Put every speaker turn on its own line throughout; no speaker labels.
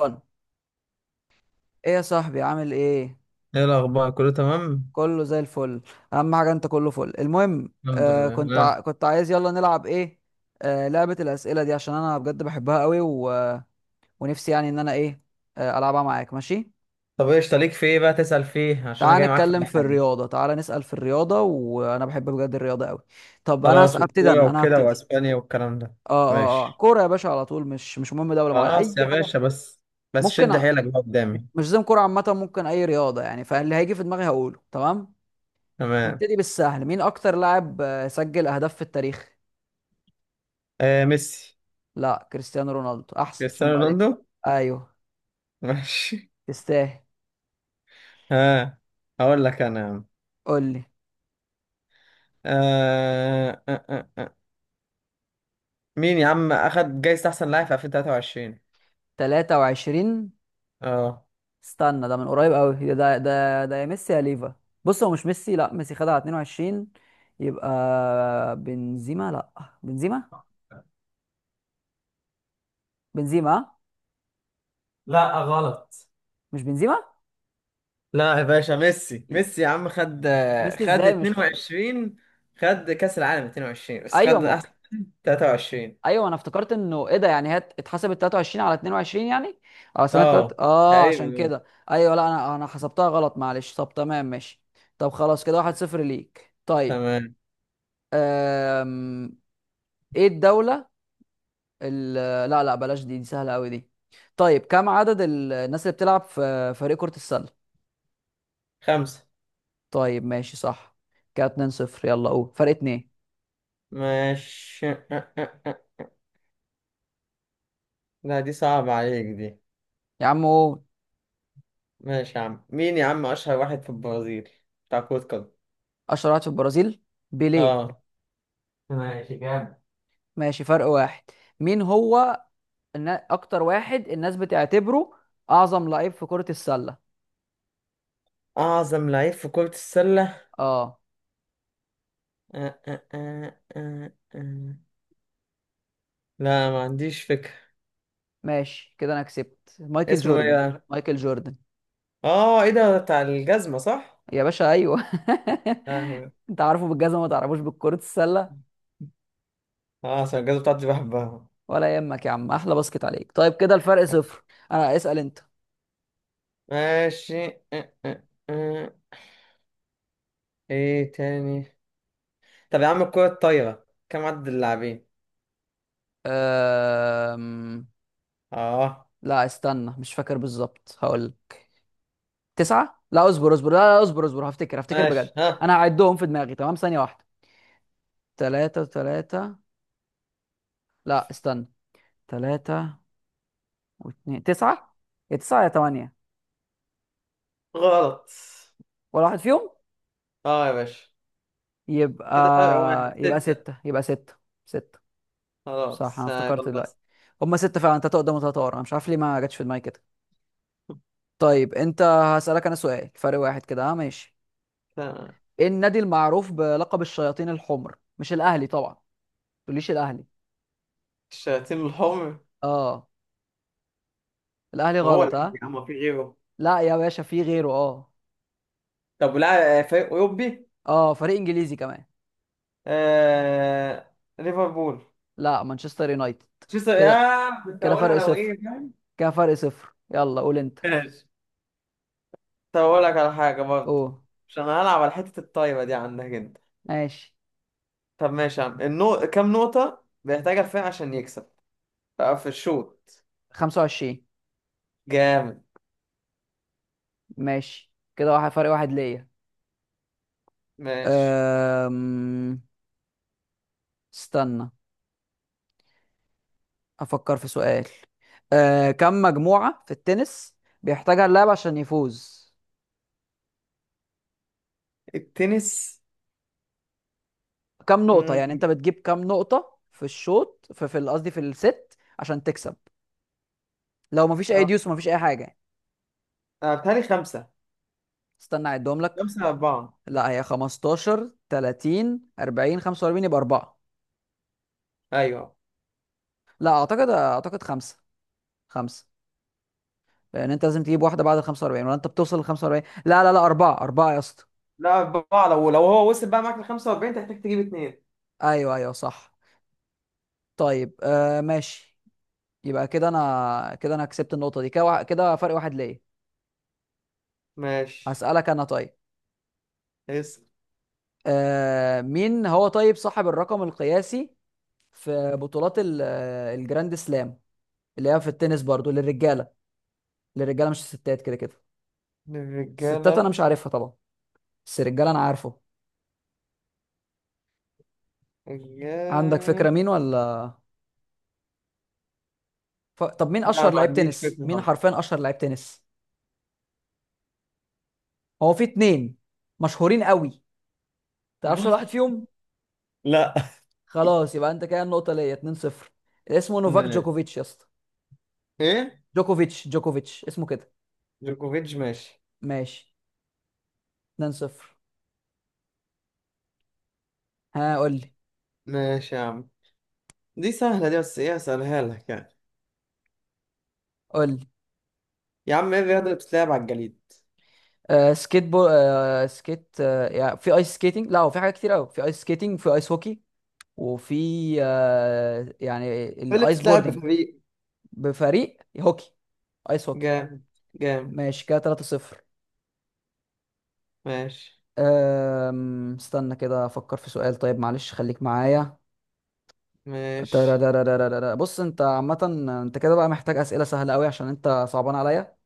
ايه يا صاحبي عامل ايه؟
ايه الاخبار كله تمام؟
كله زي الفل. اهم حاجه انت كله فل. المهم
الحمد لله،
كنت
لا.
كنت عايز، يلا نلعب ايه؟ لعبه الاسئله دي، عشان انا بجد بحبها قوي ونفسي يعني ان انا ايه، العبها معاك ماشي.
طب، ايش ليك في ايه بقى تسأل فيه، عشان انا
تعال
جاي معاك في
نتكلم
اي
في
حاجه.
الرياضه، تعال نسال في الرياضه، وانا بحب بجد الرياضه قوي. طب انا
خلاص،
هبتدي،
والكوره
انا
وكده
هبتدي.
واسبانيا والكلام ده.
اه
ماشي.
كوره يا باشا على طول، مش مهم دوله معينه، اي
خلاص يا
حاجه.
باشا، بس. بس
ممكن
شد
ع-
حيلك بقى
مش
قدامي.
لازم كوره، عامه ممكن اي رياضه يعني، فاللي هيجي في دماغي هقوله، تمام.
تمام.
نبتدي بالسهل، مين اكتر لاعب سجل اهداف في التاريخ؟
آه، ميسي.
لا كريستيانو رونالدو احسن، عشان
كريستيانو
بعدين.
رونالدو.
ايوه،
ماشي.
تستاهل.
ها. هقول لك انا يا عم.
قول لي.
آه آه آه آه. مين يا عم اخد جايزة احسن لاعب في 2023؟
23؟
اه.
استنى ده من قريب قوي، ده يا ميسي يا ليفا. بص هو مش ميسي، لا ميسي خدها على 22، يبقى بنزيما، لا بنزيما، بنزيما ها؟
لا، غلط.
مش بنزيما.
لا يا باشا، ميسي ميسي يا عم، خد
ميسي
خد
ازاي؟ مش خ...
22. خد كأس العالم 22، بس
ايوه
خد
ما.
أحسن. 23.
ايوه انا افتكرت انه ايه ده، يعني هي اتحسبت 23 على 22 يعني، اه سنه تلات،
اه،
اه عشان
تقريبا.
كده. ايوه لا، انا حسبتها غلط معلش، طب تمام ماشي. طب خلاص كده واحد صفر ليك طيب.
تمام.
أم... ايه الدوله ال... لا لا بلاش دي، دي سهله قوي دي. طيب كم عدد الناس اللي بتلعب في فريق كره السله؟
خمسة.
طيب ماشي صح، كده 2 0، يلا قول، فرق اتنين.
ماشي. أه، أه، أه، أه. لا، دي صعبة عليك دي.
يا عم قول.
ماشي يا عم، مين يا عم أشهر واحد في البرازيل بتاع كرة قدم؟
اشهر واحد في البرازيل؟ بيليه.
اه. ماشي، جامد.
ماشي، فرق واحد. مين هو ان اكتر واحد الناس بتعتبره اعظم لعيب في كرة السلة؟
أعظم لعيب في كرة السلة؟
اه،
أه أه أه أه أه. لا، ما عنديش فكرة.
ماشي كده انا كسبت، مايكل
اسمه ايه
جوردن.
بقى؟
مايكل جوردن.
اه، ايه ده بتاع الجزمة صح؟
يا باشا ايوه انت عارفه بالجزمة، ما تعرفوش بكرة السلة؟
اه، عشان الجزء بتاعتي بحبها.
ولا يهمك يا عم، احلى باسكت عليك. طيب كده الفرق صفر، انا اسأل انت.
ماشي. أه، أه، أه. ايه تاني؟ طب يا عم، الكرة الطايرة كم عدد اللاعبين؟
أم...
اه.
لا استنى مش فاكر بالظبط، هقول لك. تسعة، لا اصبر اصبر، لا لا، اصبر اصبر، هفتكر هفتكر
ماشي،
بجد،
ها.
انا هعدهم في دماغي، تمام ثانية واحدة. تلاتة تلاتة، لا استنى، تلاتة واتنين تسعة، يا تسعة يا تمانية.
غلط.
ولا واحد فيهم.
اه يا باشا،
يبقى،
كده فرق واحد،
يبقى
ستة.
ستة، يبقى ستة، ستة. صح أنا
خلاص، آه،
افتكرت
يلا.
دلوقتي، هما ستة فعلا، تلاتة قدام وتلاتة ورا، أنا مش عارف ليه ما جاتش في دماغي كده. طيب أنت، هسألك أنا سؤال فرق واحد كده، أه ماشي.
ستة.
إيه النادي المعروف بلقب الشياطين الحمر؟ مش الأهلي طبعا، ما تقوليش الأهلي.
الشياطين الحمر؟
أه، الأهلي
ما هو
غلط،
الأهلي
أه.
يا عم، ما في غيره.
لا يا باشا في غيره، أه.
طب، ولا فريق أوروبي؟
أه فريق إنجليزي كمان.
آه... ليفربول.
لا مانشستر يونايتد.
شو، يا
كده
كنت
كده فرق
هقولها لو
صفر،
ايه، فاهم.
كده فرق صفر، يلا قول أنت.
ماشي. طب أقول لك على حاجة برضه.
قول.
عشان انا هلعب على حتة الطايرة دي عندك أنت.
ماشي.
طب ماشي يا عم، كام نقطة بيحتاجها الفريق عشان يكسب بقى في الشوط؟
25.
جامد.
ماشي كده واحد، فرق واحد ليا.
ماشي.
أم... استنى افكر في سؤال. كم مجموعة في التنس بيحتاجها اللاعب عشان يفوز؟
التنس.
كم نقطة يعني انت
مم.
بتجيب، كم نقطة في الشوط، في قصدي في الست عشان تكسب؟ لو مفيش اي
أه
ديوس ومفيش اي حاجة يعني.
أه، بيتهيألي خمسة.
استنى اعدهم لك.
خمسة، أربعة.
لا هي 15، 30، 40، 45، يبقى 4.
أيوه.
لا اعتقد، اعتقد 5. 5. لان انت لازم تجيب واحده بعد ال 45، ولا انت بتوصل لل 45، لا لا لا اربعه اربعه يا اسطى.
لا، أربعة، لو هو وصل بقى معاك ل 45 تحتاج تجيب اتنين.
ايوه ايوه صح. طيب آه ماشي. يبقى كده انا، كده انا كسبت النقطه دي، كده فرق واحد ليا.
ماشي.
هسالك انا طيب.
اسأل.
مين هو طيب صاحب الرقم القياسي في بطولات الجراند سلام، اللي هي في التنس برضو للرجاله، للرجاله مش الستات، كده كده. الستات انا
الرجالة.
مش عارفها طبعا، بس الرجاله انا عارفه. عندك
رجالة.
فكره مين ولا؟ طب مين
لا،
اشهر
ما
لعيب
عنديش
تنس،
فكرة
مين
خالص.
حرفيا اشهر لعيب تنس؟ هو في اتنين مشهورين قوي، تعرفش ولا واحد فيهم؟
لا.
خلاص يبقى انت كده، النقطه ليا 2-0. اسمه نوفاك جوكوفيتش يا اسطى.
إيه؟
جوكوفيتش، جوكوفيتش اسمه كده.
جوكوفيتش، ماشي.
ماشي. 2-0. ها قول لي.
ماشي يا عم، دي سهلة دي، بس ايه اسألها لك يعني.
قول لي.
يا عم، ايه الرياضة اللي بتتلعب على الجليد؟
سكيت بو، سكيت، يعني في ايس سكيتنج، لا هو في حاجات كتير قوي، في ايس سكيتنج، في ايس هوكي، وفي يعني
ايه اللي
الايس
بتتلعب
بوردنج.
بفريق؟
بفريق؟ هوكي، ايس هوكي.
جامد، جامد.
ماشي كده 3-0.
ماشي.
استنى كده افكر في سؤال، طيب معلش خليك معايا.
ماشي.
ترارارارارارا. بص انت عامة، انت كده بقى محتاج اسئلة سهلة قوي، عشان انت صعبان عليا.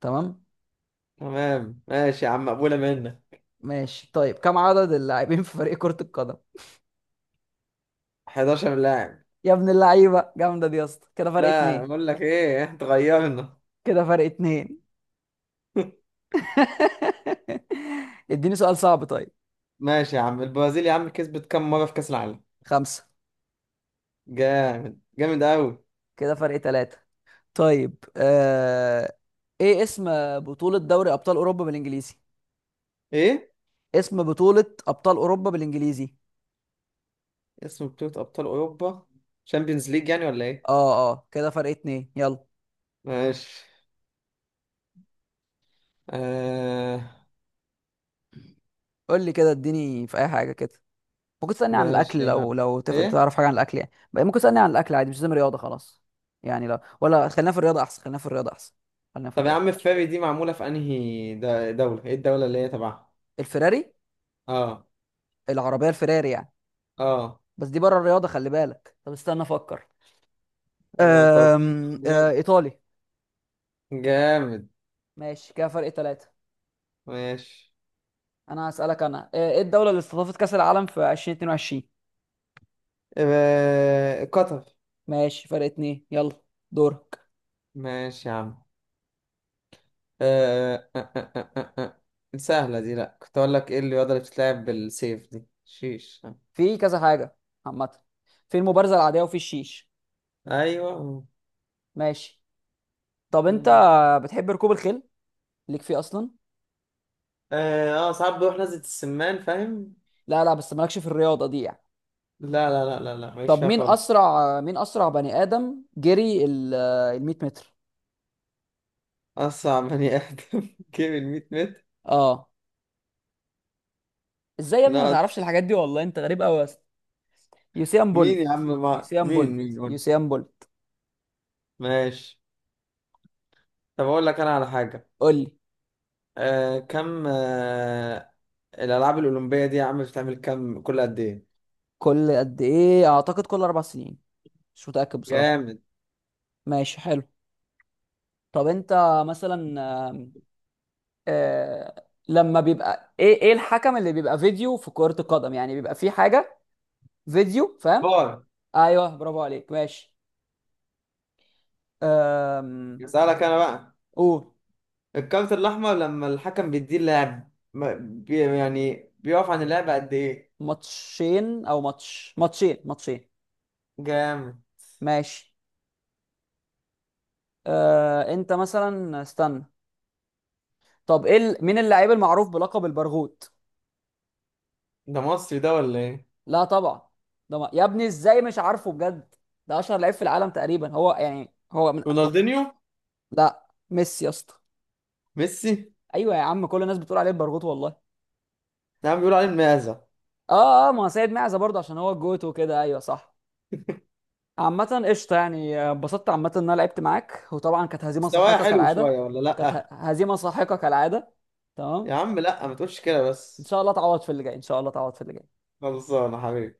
تمام
تمام، ماشي يا عم، مقبولة منك.
ماشي. طيب كم عدد اللاعبين في فريق كرة القدم؟
11 لاعب.
يا ابن اللعيبة، جامدة دي يا اسطى، كده فرق
لا،
اتنين،
بقول لك ايه، اتغيرنا.
كده فرق اتنين. اديني سؤال صعب طيب.
ماشي يا عم، البرازيل يا عم كسبت كام مرة في كأس العالم؟
خمسة.
جامد، جامد قوي.
كده فرق تلاتة. طيب ايه اسم بطولة دوري ابطال اوروبا بالانجليزي؟
ايه؟
اسم بطولة ابطال اوروبا بالانجليزي.
اسم بطولة أبطال أوروبا؟ شامبيونز ليج يعني، ولا ايه؟
اه اه، كده فرق اتنين يلا.
ماشي. آه...
قول لي كده، اديني في اي حاجة كده. ممكن تسألني عن
ماشي
الأكل،
يا
لو
عم.
لو
ايه؟
تعرف حاجة عن الأكل يعني بقى، ممكن تسألني عن الأكل عادي، مش لازم رياضة خلاص. يعني لا، ولا خلينا في الرياضة أحسن، خلينا في الرياضة أحسن، خلينا في
طب يا عم،
الرياضة.
فاري دي معمولة في أنهي دولة؟ إيه الدولة اللي هي تبعها؟
الفراري؟
آه
العربية الفراري يعني.
آه
بس دي بره الرياضة، خلي بالك، طب استنى أفكر.
آه، أنت قلت لي
أم...
الرياض.
آه، إيطالي.
جامد.
ماشي كده فرق ثلاثة.
ماشي.
أنا هسألك أنا، إيه الدولة اللي استضافت كأس العالم في 2022؟
آه، قطر.
ماشي، فرق اتنين يلا، دورك.
ماشي يا عم. آه، آه، آه، آه، آه. آه، سهلة دي، لأ كنت أقول لك، إيه الرياضة اللي بتتلعب بالسيف دي؟ شيش.
في كذا حاجة عامة، في المبارزة العادية، وفي الشيش.
أيوه.
ماشي. طب أنت
آه
بتحب ركوب الخيل، ليك فيه أصلا؟
آه، ساعات بروح نزلة السمان، فاهم؟
لا لا بس مالكش في الرياضه دي يعني؟
لا لا لا لا لا، ماليش
طب
فيها
مين
خالص.
اسرع، مين اسرع بني ادم جري ال ال 100 متر؟
أصعب بني آدم جيب الميت متر.
اه. ازاي يا ابني ما
لا.
تعرفش الحاجات دي، والله انت غريب قوي يا اسطى. يوسين
مين يا عم
بولت. يوسين
مين
بولت،
مين
يوسين بولت.
ماشي. طب اقول لك انا على حاجه.
قول لي.
آه كم آه الالعاب الاولمبيه دي يا عم بتعمل كم، كل قد ايه؟
كل قد ايه؟ اعتقد كل اربع سنين، مش متاكد بصراحه.
جامد.
ماشي حلو. طب انت مثلا، آم، آه لما بيبقى ايه، ايه الحكم اللي بيبقى فيديو في كرة القدم يعني، بيبقى في حاجة فيديو فاهم؟
باي.
ايوه برافو عليك ماشي. أم...
اسالك انا بقى.
قول.
الكارت الاحمر لما الحكم بيديه اللاعب بي يعني بيقف عن اللعب قد ايه؟
ماتشين او ماتش، ماتشين ماتشين.
جامد.
ماشي. انت مثلا استنى، طب ايه مين اللاعب المعروف بلقب البرغوت؟
ده مصري ده، ولا ايه؟
لا طبعا. ده ما... يا ابني ازاي مش عارفه بجد، ده اشهر لعيب في العالم تقريبا، هو يعني
رونالدينيو.
لا ميسي يا اسطى.
ميسي.
ايوه يا عم، كل الناس بتقول عليه البرغوت والله.
يا عم، بيقولوا عليه المعزه.
اه اه، ما هو سيد معزه برضه، عشان هو الجوت وكده، ايوه صح. عامة قشطة يعني، اتبسطت عامة ان انا لعبت معاك، وطبعا كانت هزيمة
مستواه
ساحقة
حلو
كالعادة.
شويه، ولا
كانت
لا؟
هزيمة ساحقة كالعادة، تمام.
يا عم، لا ما تقولش كده
ان
بس.
شاء الله تعوض في اللي جاي، ان شاء الله تعوض في اللي جاي.
خلصانه حبيبي.